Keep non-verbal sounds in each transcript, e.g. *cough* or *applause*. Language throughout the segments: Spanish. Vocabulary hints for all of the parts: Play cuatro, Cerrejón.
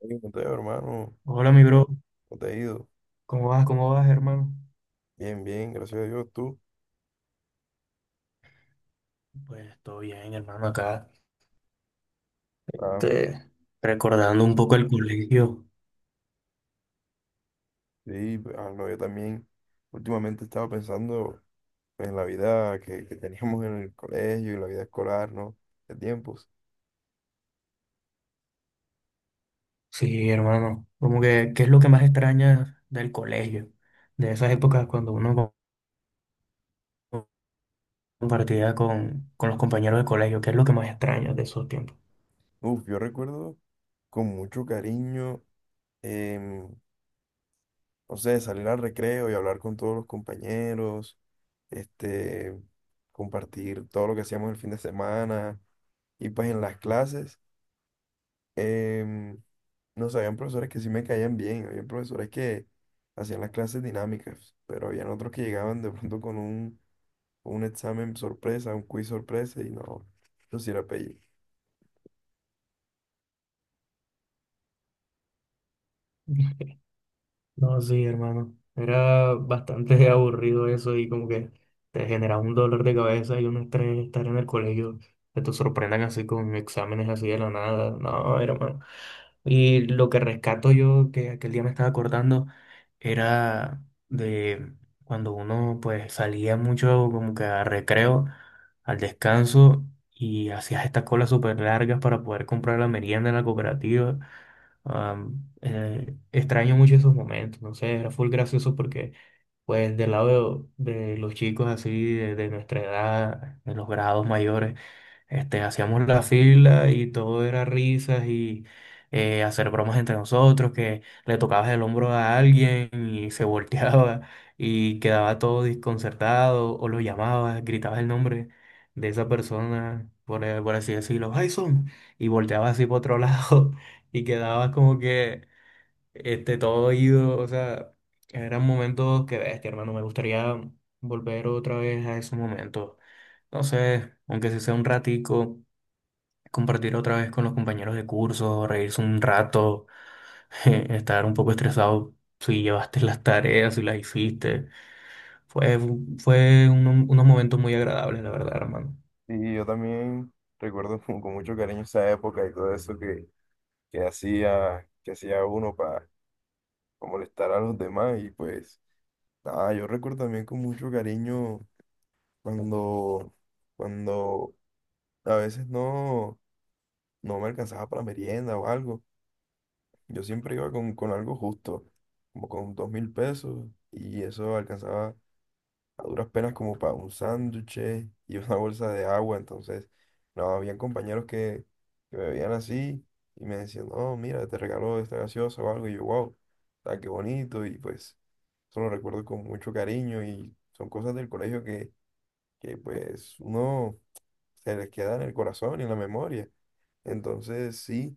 Hey, Mateo, hermano, Hola, mi bro. ¿cómo te ha ido? ¿Cómo vas? ¿Cómo vas, hermano? Bien, bien, gracias a Dios, tú. Pues todo bien, hermano, acá. Ah, Este, Recordando un poco el colegio. sí, pues, ah, no, yo también últimamente estaba pensando pues, en la vida que teníamos en el colegio y la vida escolar, ¿no? De tiempos. Sí, hermano. Como que, ¿qué es lo que más extrañas del colegio? De esas épocas cuando compartía con los compañeros de colegio, ¿qué es lo que más extrañas de esos tiempos? Uf, yo recuerdo con mucho cariño, em, no sé, salir al recreo y hablar con todos los compañeros, este, compartir todo lo que hacíamos el fin de semana y pues en las clases. em, no sé, habían profesores que sí me caían bien, habían profesores que hacían las clases dinámicas, pero habían otros que llegaban de pronto con con un examen sorpresa, un quiz sorpresa, y no, yo sí era pelle. *laughs* No, sí, hermano. Era bastante *laughs* aburrido eso y como que te generaba un dolor de cabeza y un estrés estar en el colegio, que te sorprendan así con exámenes así de la nada. No, hermano. Y lo que rescato yo, que aquel día me estaba acordando, era de cuando uno pues salía mucho como que a recreo, al descanso, y hacías estas colas súper largas para poder comprar la merienda en la cooperativa. Extraño mucho esos momentos, no sé, era full gracioso porque, pues, del lado de los chicos así, de nuestra edad, de los grados mayores, hacíamos la fila y todo era risas y hacer bromas entre nosotros, que le tocabas el hombro a alguien y se volteaba *laughs* y quedaba todo desconcertado, o lo llamabas, gritabas el nombre de esa persona, por así decirlo, Jason, y volteabas así por otro *laughs* lado y quedabas como que todo ido, o sea, eran momentos que bestia, hermano, me gustaría volver otra vez a esos momentos. Entonces, aunque se sea un ratico, compartir otra vez con los compañeros de curso, reírse un rato, *laughs* estar un poco estresado si llevaste las tareas, si las hiciste. Fue, fue unos momentos muy agradables, la verdad, hermano. Y yo también recuerdo *laughs* con mucho cariño esa época y todo eso que hacía uno para molestar a los demás. Y pues, nada, yo recuerdo también con mucho cariño cuando, cuando a veces no. No me alcanzaba para merienda o algo. Yo siempre iba con algo justo, como con 2000 pesos, y eso alcanzaba a duras penas como para un sándwich y *laughs* una bolsa de agua. Entonces, no, habían compañeros que me veían así y me decían, no, mira, te regaló esta gaseosa o algo, y yo, wow, ah, qué bonito, y pues eso lo recuerdo con mucho cariño, y son cosas del colegio que pues uno se les queda en el corazón y en la memoria. Entonces, sí.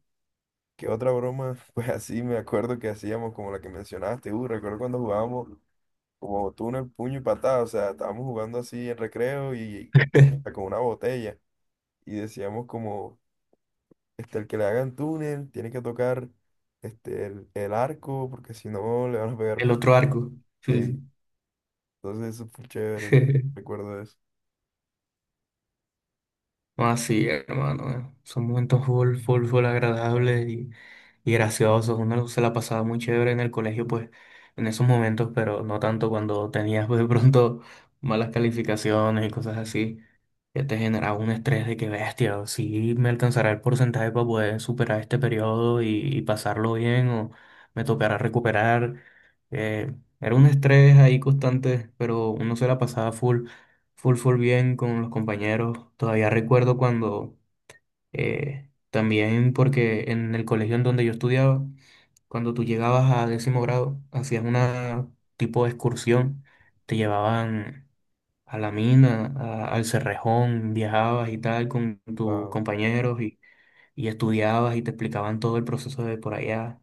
¿Qué otra broma? *laughs* Pues así me acuerdo que hacíamos como la que mencionaste, recuerdo cuando jugábamos como túnel, puño y patada, o sea, estábamos jugando así en recreo y ah, *laughs* con una botella y decíamos como, este, el que le hagan túnel tiene que tocar este, el arco porque si no le van a pegar El puntos. otro arco. Sí, Sí, entonces eso fue chévere, sí. *laughs* recuerdo eso. No, así, hermano. Son momentos full, full, full agradables y graciosos. Uno se la pasaba muy chévere en el colegio, pues, en esos momentos, pero no tanto cuando tenías, pues, de pronto malas calificaciones y cosas así, que te generaba un estrés de que bestia, si me alcanzará el porcentaje para poder superar este periodo y pasarlo bien, o me tocará recuperar. Eh, era un estrés ahí constante, pero uno se la pasaba full. Full, full bien con los compañeros. Todavía recuerdo cuando también porque en el colegio en donde yo estudiaba, cuando tú llegabas a décimo grado, hacías una tipo de excursión, te llevaban a la mina, al Cerrejón, viajabas y tal con tus Wow. compañeros y estudiabas y te explicaban todo el proceso de por allá.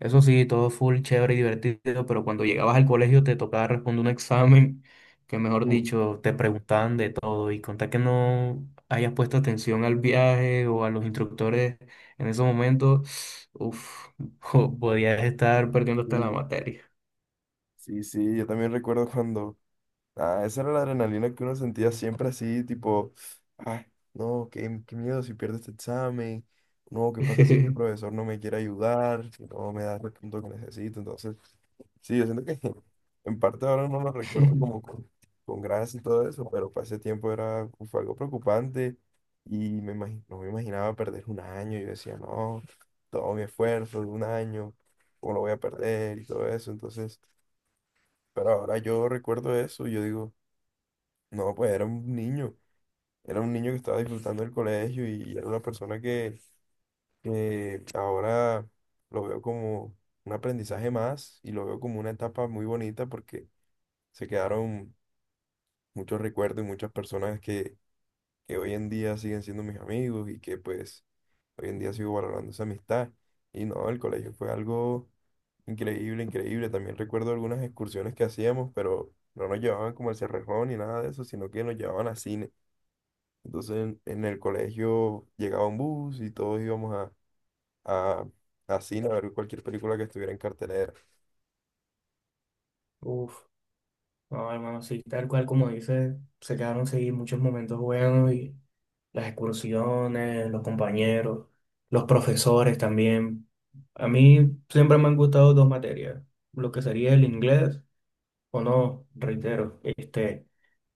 Eso sí, todo full, chévere y divertido, pero cuando llegabas al colegio te tocaba responder un *laughs* examen que, mejor Mm, dicho, te preguntaban de todo y contar que no hayas puesto atención al viaje o a los instructores en esos momentos, uff, *laughs* podías estar perdiendo sí, hasta la materia. sí, sí, yo también recuerdo cuando ah, esa era la adrenalina que uno sentía siempre así, tipo, ay, no, qué miedo si pierdo este examen, no, qué pasa si este *laughs* profesor no me quiere ayudar, si no me da el punto que necesito. Entonces, sí, yo siento que *laughs* en parte ahora no lo recuerdo como con gracia y todo eso, pero para ese tiempo era, fue algo preocupante y no me imaginaba perder un año. Yo decía, no, todo mi esfuerzo de un año, ¿cómo lo voy a perder y todo eso? Entonces... Pero ahora yo recuerdo eso y yo digo, no, pues era un niño que estaba disfrutando del colegio y era una persona que ahora lo veo como un aprendizaje más y lo veo como una etapa muy bonita porque se quedaron muchos recuerdos y muchas personas que hoy en día siguen siendo mis amigos y que pues hoy en día sigo valorando esa amistad. Y no, el colegio fue algo increíble, increíble. También recuerdo algunas excursiones que hacíamos, pero no nos llevaban como al Cerrejón ni nada de eso, sino que nos llevaban a cine. Entonces en el colegio llegaba un bus y todos íbamos a, a cine a ver cualquier película que estuviera en cartelera. Uf. No, hermano, sí, tal cual como dices, se quedaron sí muchos momentos buenos y las excursiones, los compañeros, los profesores también. A mí siempre me han gustado dos materias, lo que sería el inglés o no, reitero,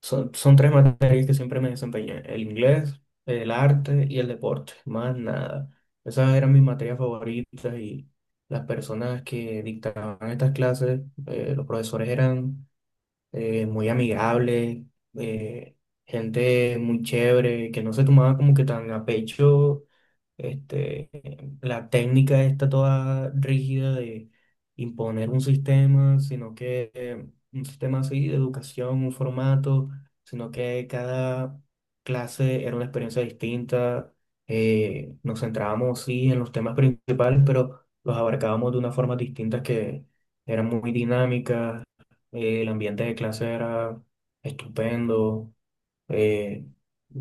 son tres materias que siempre me desempeñé, el inglés, el arte y el deporte, más nada. Esas eran mis materias favoritas y las personas que dictaban estas clases, los profesores eran muy amigable, eh, gente muy chévere, que no se tomaba como que tan a pecho este, la técnica está toda rígida de imponer un sistema, sino que un sistema así de educación, un formato, sino que cada clase era una experiencia distinta. Nos centrábamos sí en los temas principales, pero los abarcábamos de una forma distinta que eran muy dinámicas. El ambiente de clase era estupendo. eh,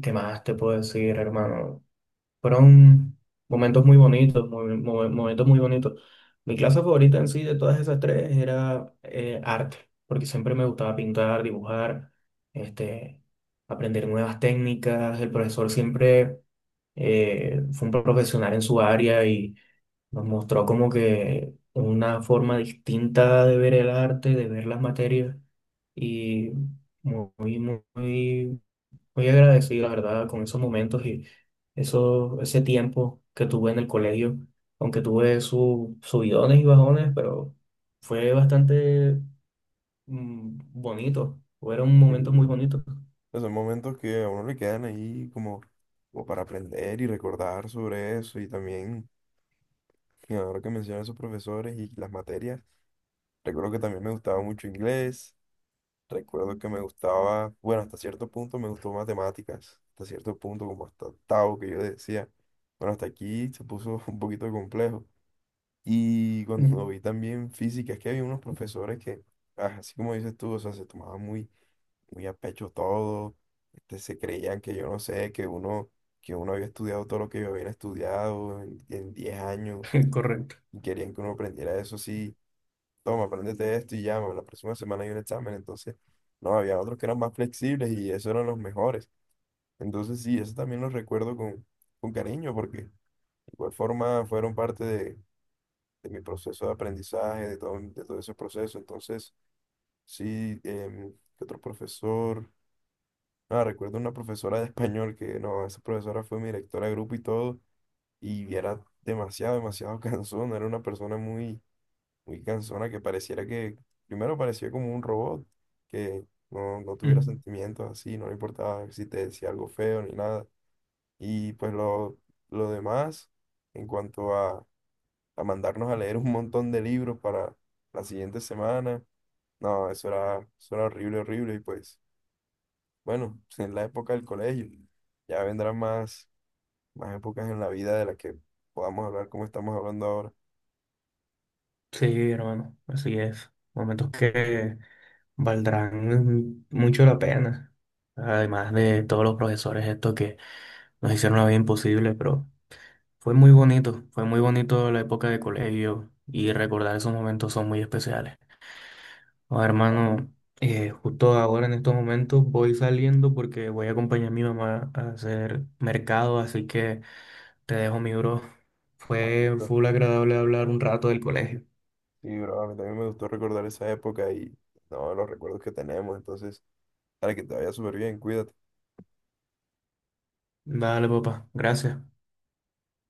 ¿Qué más te puedo decir, hermano? Fueron momentos muy bonitos, momentos muy bonitos. Mi clase favorita en sí de todas esas tres era arte, porque siempre me gustaba pintar, dibujar, este, aprender nuevas técnicas. El profesor siempre fue un profesional en su área y nos mostró como que una forma distinta de ver el arte, de ver las materias y muy, muy, muy agradecido, la verdad, con esos momentos y eso, ese tiempo que tuve en el colegio, aunque tuve sus subidones y bajones, pero fue bastante bonito, fueron momentos muy Sí. bonitos. Pues son momentos que a uno le quedan ahí como, como para aprender y recordar sobre eso. Y también, y ahora que mencionas esos profesores y las materias, recuerdo que también me gustaba mucho inglés. Recuerdo que me gustaba, bueno, hasta cierto punto me gustó matemáticas. Hasta cierto punto, como hasta octavo, que yo decía, bueno, hasta aquí se puso *laughs* un poquito complejo. Y cuando *laughs* Mm. vi también física, es que había unos profesores que, ah, así como dices tú, o sea, se tomaban muy, muy a pecho todo, este, se creían que yo no sé, que uno había estudiado todo lo que yo había estudiado en 10 años *laughs* Correcto. y querían que uno aprendiera eso así toma, apréndete esto y llama, la próxima semana hay un examen, entonces, no, había otros que eran más flexibles y esos eran los mejores. Entonces, sí, eso también los recuerdo con cariño porque de igual forma fueron parte de mi proceso de aprendizaje, de todo ese proceso. Entonces, sí, ¿qué otro profesor? Ah, recuerdo una profesora de español que, no, esa profesora fue mi directora de grupo y todo, y era demasiado, demasiado *laughs* cansona, era una persona muy, muy cansona que pareciera que, primero parecía como un robot, que no tuviera Mm. sentimientos así, no le importaba si te decía algo feo ni nada. Y pues lo demás, en cuanto a mandarnos a leer un montón de libros para la siguiente semana. No, eso era horrible, horrible. Y pues, bueno, *laughs* en la época del colegio, ya vendrán más, más épocas en la vida de las que podamos hablar como estamos hablando ahora. Sí, hermano, así es. Momentos que valdrán mucho la pena. Además de todos los profesores estos que nos hicieron la vida imposible, pero... fue muy bonito la época de colegio y recordar esos momentos son muy especiales. Ahora, Claro, hermano, justo ahora en estos momentos voy saliendo porque voy a acompañar a mi mamá a hacer mercado, así que te dejo mi bro. claro, Fue claro. full agradable hablar un rato del colegio. Sí, bro, a mí también me gustó recordar esa época y no, los recuerdos que tenemos. Entonces, para que te vaya súper bien, cuídate. Vale, papá, gracias.